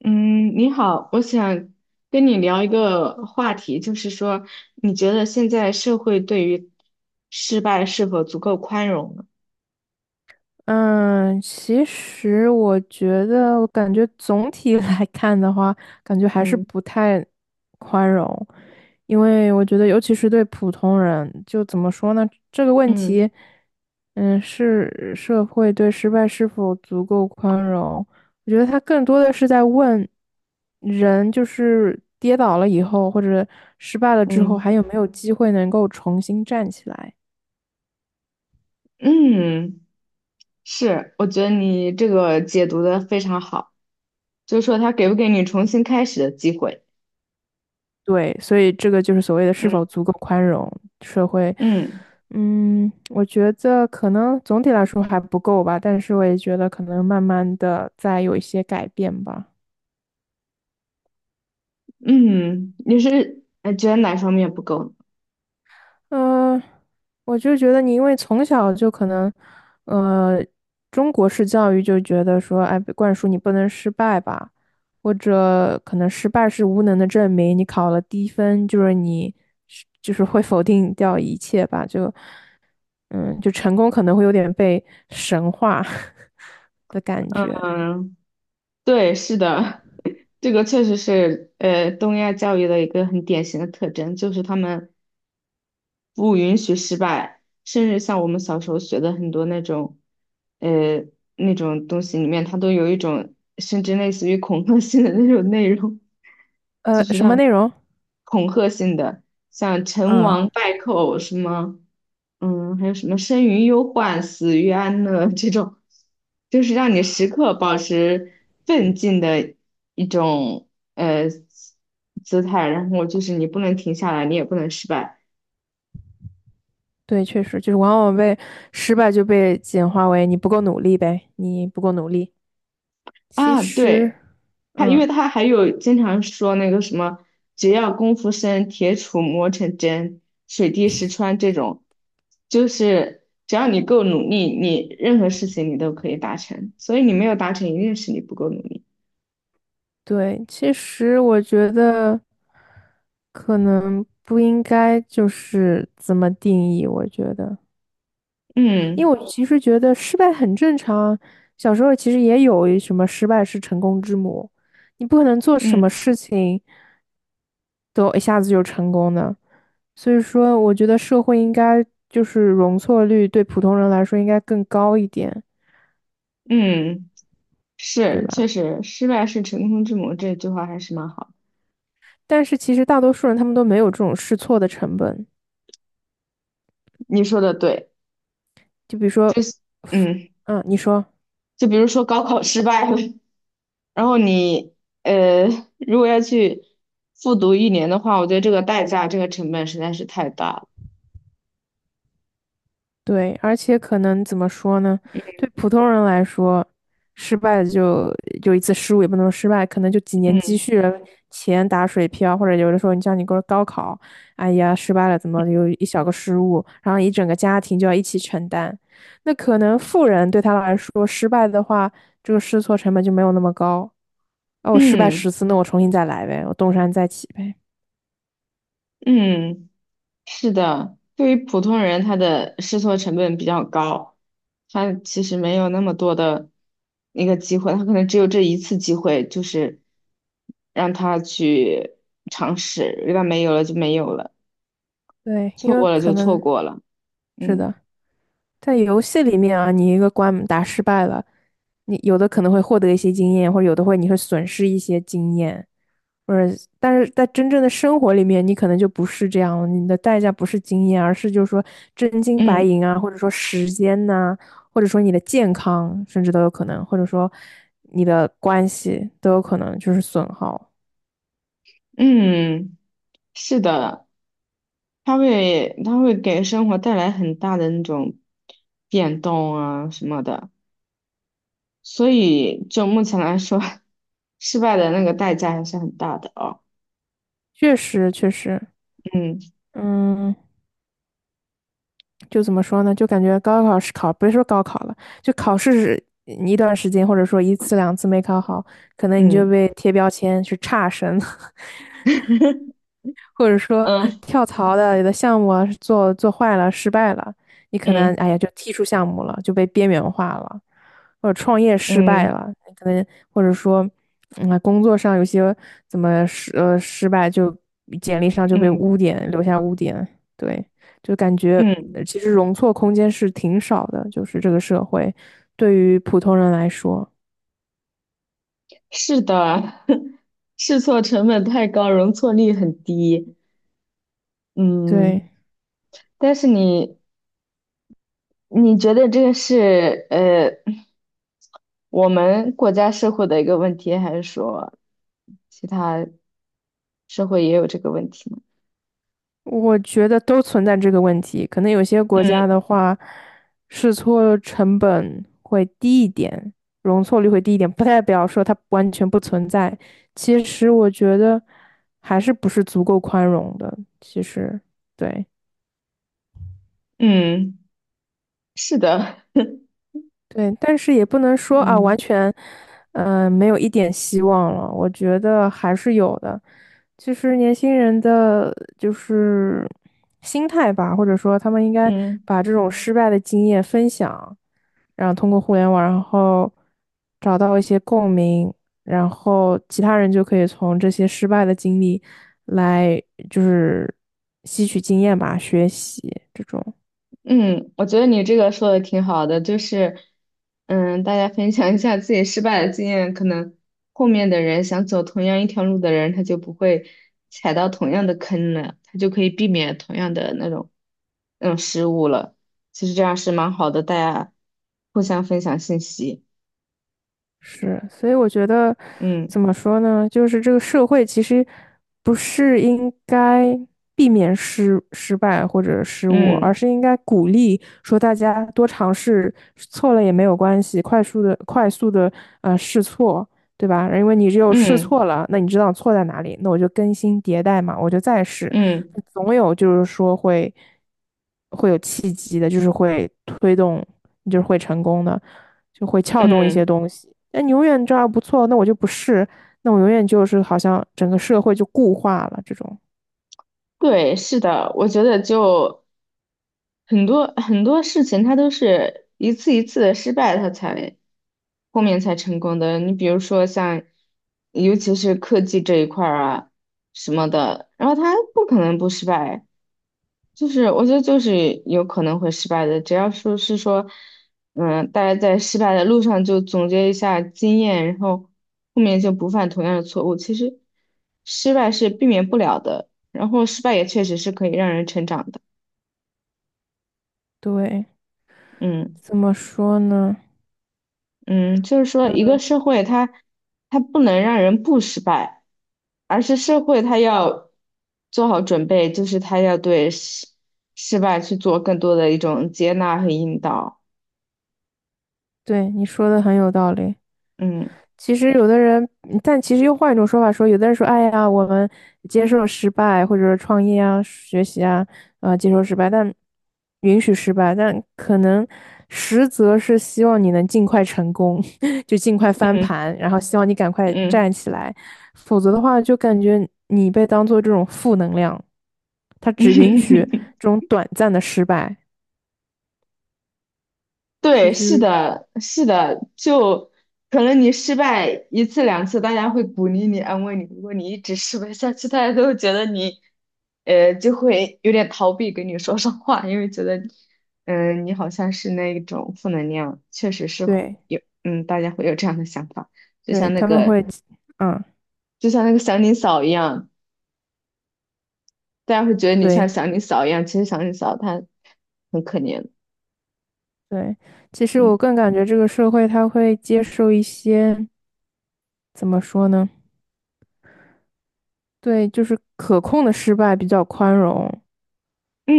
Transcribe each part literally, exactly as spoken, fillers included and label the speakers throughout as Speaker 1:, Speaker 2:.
Speaker 1: 嗯，你好，我想跟你聊一个话题，就是说，你觉得现在社会对于失败是否足够宽容呢？
Speaker 2: 嗯，其实我觉得，我感觉总体 来看的话，感觉还是
Speaker 1: 嗯
Speaker 2: 不太宽容。因为我觉得，尤其是对普通人，就怎么说呢，这个问
Speaker 1: 嗯
Speaker 2: 题，嗯，是社会对失败是否足够宽容，我觉得他更多的是在问人，就是跌倒了以后，或者失败了之后，
Speaker 1: 嗯
Speaker 2: 还有没有机会能够重新站起来。
Speaker 1: 嗯，是，我觉得你这个解读的非常好，就是说他给不给你重新开始的机会？
Speaker 2: 对，所以这个就是所谓的
Speaker 1: 嗯
Speaker 2: 是否足够宽容社会。
Speaker 1: 嗯，
Speaker 2: 嗯，我觉得可能总体来说还不够吧，但是我也觉得可能慢慢的在有一些改变吧。
Speaker 1: 嗯，你是呃觉得哪方面不够
Speaker 2: 嗯、我就觉得你因为从小就可能，呃，中国式教育就觉得说，哎，被灌输你不能失败吧，或者可能失败是无能的证明，你考了低分就是你是就是会否定掉一切吧，就。嗯，就成功可能会有点被神化 的感
Speaker 1: 呢？
Speaker 2: 觉。
Speaker 1: 嗯，对，是的，这个确实是呃东亚教育的一个很典型的特征，就是他们，不允许失败，甚至像我们小时候学的很多那种，呃，那种东西里面，它都有一种甚至类似于恐吓性的那种内容，就
Speaker 2: 呃，
Speaker 1: 是
Speaker 2: 什么
Speaker 1: 让
Speaker 2: 内容？
Speaker 1: 恐吓性的，像成
Speaker 2: 嗯，
Speaker 1: 王败寇什么，嗯，还有什么生于忧患，死于安乐这种，就是让你时刻保持奋进的一种呃姿态，然后就是你不能停下来，你也不能失败。
Speaker 2: 对，确实就是往往被失败就被简化为你不够努力呗，你不够努力。其
Speaker 1: 啊，
Speaker 2: 实，
Speaker 1: 对，他因
Speaker 2: 嗯，
Speaker 1: 为他还有经常说那个什么，只要功夫深，铁杵磨成针，水滴石穿这种，就是只要你够努力，你任何事情你都可以达成。所以你没有达成，一定是你不够努力。
Speaker 2: 对，其实我觉得可能不应该就是怎么定义。我觉得，因
Speaker 1: 嗯
Speaker 2: 为我其实觉得失败很正常，小时候其实也有什么失败是成功之母，你不可能做什么
Speaker 1: 嗯
Speaker 2: 事情都一下子就成功的。所以说，我觉得社会应该就是容错率对普通人来说应该更高一点，
Speaker 1: 嗯，
Speaker 2: 对
Speaker 1: 是，确
Speaker 2: 吧？
Speaker 1: 实，失败是成功之母这句话还是蛮好的。
Speaker 2: 但是其实大多数人他们都没有这种试错的成本。
Speaker 1: 你说的对，
Speaker 2: 就比如
Speaker 1: 就
Speaker 2: 说，
Speaker 1: 是嗯，
Speaker 2: 嗯，你说，
Speaker 1: 就比如说高考失败了。然后你呃，如果要去复读一年的话，我觉得这个代价、这个成本实在是太大了。
Speaker 2: 对，而且可能怎么说呢？对普通人来说，失败就就一次失误，也不能说失败，可能就几年积
Speaker 1: 嗯
Speaker 2: 蓄的钱打水漂，或者有的时候你像你高高考，哎呀失败了，怎么有一小个失误，然后一整个家庭就要一起承担。那可能富人对他来说，失败的话，这个试错成本就没有那么高。哦，我失败
Speaker 1: 嗯
Speaker 2: 十次，那我重新再来呗，我东山再起呗。
Speaker 1: 嗯，是的，对于普通人，他的试错成本比较高，他其实没有那么多的一个机会，他可能只有这一次机会，就是让他去尝试，一旦没有了就没有了，
Speaker 2: 对，
Speaker 1: 错
Speaker 2: 因为
Speaker 1: 过了
Speaker 2: 可
Speaker 1: 就错
Speaker 2: 能
Speaker 1: 过了。
Speaker 2: 是
Speaker 1: 嗯
Speaker 2: 的。在游戏里面啊，你一个关打失败了，你有的可能会获得一些经验，或者有的会你会损失一些经验，或者但是在真正的生活里面，你可能就不是这样了，你的代价不是经验，而是就是说真金白
Speaker 1: 嗯
Speaker 2: 银啊，或者说时间呐、或者说你的健康，甚至都有可能，或者说你的关系都有可能就是损耗。
Speaker 1: 嗯，是的。它会它会给生活带来很大的那种变动啊什么的，所以就目前来说，失败的那个代价还是很大的哦。
Speaker 2: 确实，确实，
Speaker 1: 嗯
Speaker 2: 嗯，就怎么说呢？就感觉高考是考，别说高考了，就考试是一段时间，或者说一次两次没考好，可能你就
Speaker 1: 嗯
Speaker 2: 被贴标签是差生。或者说
Speaker 1: 嗯
Speaker 2: 跳槽的有的项目啊做做坏了失败了，你可能
Speaker 1: 嗯
Speaker 2: 哎呀就踢出项目了，就被边缘化了，或者创业失败
Speaker 1: 嗯
Speaker 2: 了，你可能或者说嗯工作上有些怎么失呃失败就简历上就被
Speaker 1: 嗯
Speaker 2: 污点留下污点，对，就感觉
Speaker 1: 嗯，
Speaker 2: 呃其实容错空间是挺少的，就是这个社会对于普通人来说，
Speaker 1: 是的，试错成本太高，容错率很低。
Speaker 2: 对。
Speaker 1: 嗯，但是你你觉得这个是呃我们国家社会的一个问题，还是说其他社会也有这个问题呢？
Speaker 2: 我觉得都存在这个问题，可能有些国家的
Speaker 1: 嗯
Speaker 2: 话，试错成本会低一点，容错率会低一点，不代表说它完全不存在。其实我觉得还是不是足够宽容的。其实，对。
Speaker 1: 嗯，是的，
Speaker 2: 对，但是也不能说啊，完
Speaker 1: 嗯
Speaker 2: 全，嗯，没有一点希望了。我觉得还是有的，其实年轻人的，就是心态吧，或者说他们应该
Speaker 1: 嗯。
Speaker 2: 把这种失败的经验分享，然后通过互联网，然后找到一些共鸣，然后其他人就可以从这些失败的经历来，就是吸取经验吧，学习这种。
Speaker 1: 嗯，我觉得你这个说的挺好的，就是，嗯，大家分享一下自己失败的经验，可能后面的人想走同样一条路的人，他就不会踩到同样的坑了，他就可以避免同样的那种那种失误了。其实这样是蛮好的，大家互相分享信息。
Speaker 2: 是，所以我觉得
Speaker 1: 嗯
Speaker 2: 怎么说呢，就是这个社会其实不是应该避免失失败或者失误，而
Speaker 1: 嗯
Speaker 2: 是应该鼓励说大家多尝试，错了也没有关系，快速的快速的呃试错，对吧？因为你只有试
Speaker 1: 嗯
Speaker 2: 错了，那你知道错在哪里，那我就更新迭代嘛，我就再试，
Speaker 1: 嗯嗯
Speaker 2: 总有就是说会会有契机的，就是会推动，你就是会成功的。就会撬动一些
Speaker 1: 嗯，
Speaker 2: 东西。那你永远这样不错，那我就不是，那我永远就是好像整个社会就固化了这种。
Speaker 1: 对，是的，我觉得就。很多很多事情，它都是一次一次的失败，它才后面才成功的。你比如说像，尤其是科技这一块儿啊什么的，然后它不可能不失败，就是我觉得就是有可能会失败的。只要说是说，嗯，大家在失败的路上就总结一下经验，然后后面就不犯同样的错误。其实失败是避免不了的，然后失败也确实是可以让人成长的。
Speaker 2: 对，
Speaker 1: 嗯。
Speaker 2: 怎么说呢？
Speaker 1: 嗯，就是说，一
Speaker 2: 嗯
Speaker 1: 个社会它它不能让人不失败，而是社会它要做好准备，就是它要对失失败去做更多的一种接纳和引导。
Speaker 2: 对，你说的很有道理。
Speaker 1: 嗯
Speaker 2: 其实有的人，嗯但其实又换一种说法说，有的人说，哎呀，我们接受失败，或者说创业啊、学习啊，啊，接受失败，但允许失败，但可能实则是希望你能尽快成功，就尽快翻
Speaker 1: 嗯
Speaker 2: 盘，然后希望你赶快
Speaker 1: 嗯。
Speaker 2: 站起来，否则的话，就感觉你被当做这种负能量，他只允许 这种短暂的失败，就
Speaker 1: 对，是
Speaker 2: 是
Speaker 1: 的，是的，就可能你失败一次两次，大家会鼓励你、安慰你。如果你一直失败下去，大家都会觉得你，呃，就会有点逃避跟你说上话，因为觉得，嗯、你好像是那一种负能量，确实是会
Speaker 2: 对
Speaker 1: 有，嗯，大家会有这样的想法，就
Speaker 2: 对，
Speaker 1: 像那
Speaker 2: 他们
Speaker 1: 个，
Speaker 2: 会，嗯，
Speaker 1: 就像那个祥林嫂一样，大家会觉得你像
Speaker 2: 对。
Speaker 1: 祥林嫂一样，其实祥林嫂她很可怜，
Speaker 2: 对，其实我
Speaker 1: 嗯
Speaker 2: 更感觉这个社会他会接受一些，怎么说呢？对，就是可控的失败比较宽容，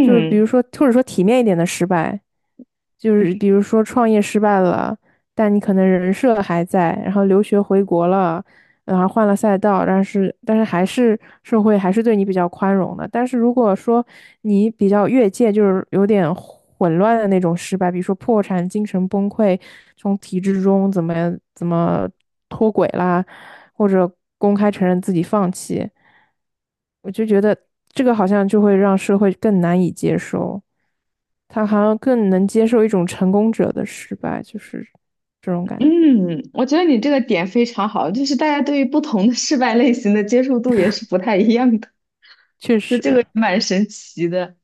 Speaker 2: 就是比如说，或者说体面一点的失败，就是比如说创业失败了，但你可能人设还在，然后留学回国了，然后换了赛道，但是但是还是社会还是对你比较宽容的。但是如果说你比较越界，就是有点混乱的那种失败，比如说破产、精神崩溃，从体制中怎么怎么脱轨啦。或者公开承认自己放弃，我就觉得这个好像就会让社会更难以接受，他好像更能接受一种成功者的失败，就是这种感觉。
Speaker 1: 嗯，我觉得你这个点非常好，就是大家对于不同的失败类型的接受度也是不太一样的，
Speaker 2: 确
Speaker 1: 就这个
Speaker 2: 实，
Speaker 1: 也蛮神奇的。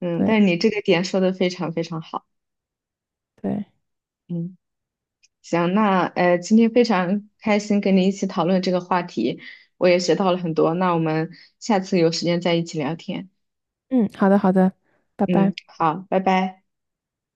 Speaker 1: 嗯，但
Speaker 2: 对
Speaker 1: 是你这个点说的非常非常好。
Speaker 2: 对，
Speaker 1: 嗯，行，那呃，今天非常开心跟你一起讨论这个话题，我也学到了很多。那我们下次有时间再一起聊天。
Speaker 2: 嗯，好的好的，拜
Speaker 1: 嗯，
Speaker 2: 拜。
Speaker 1: 好，拜拜。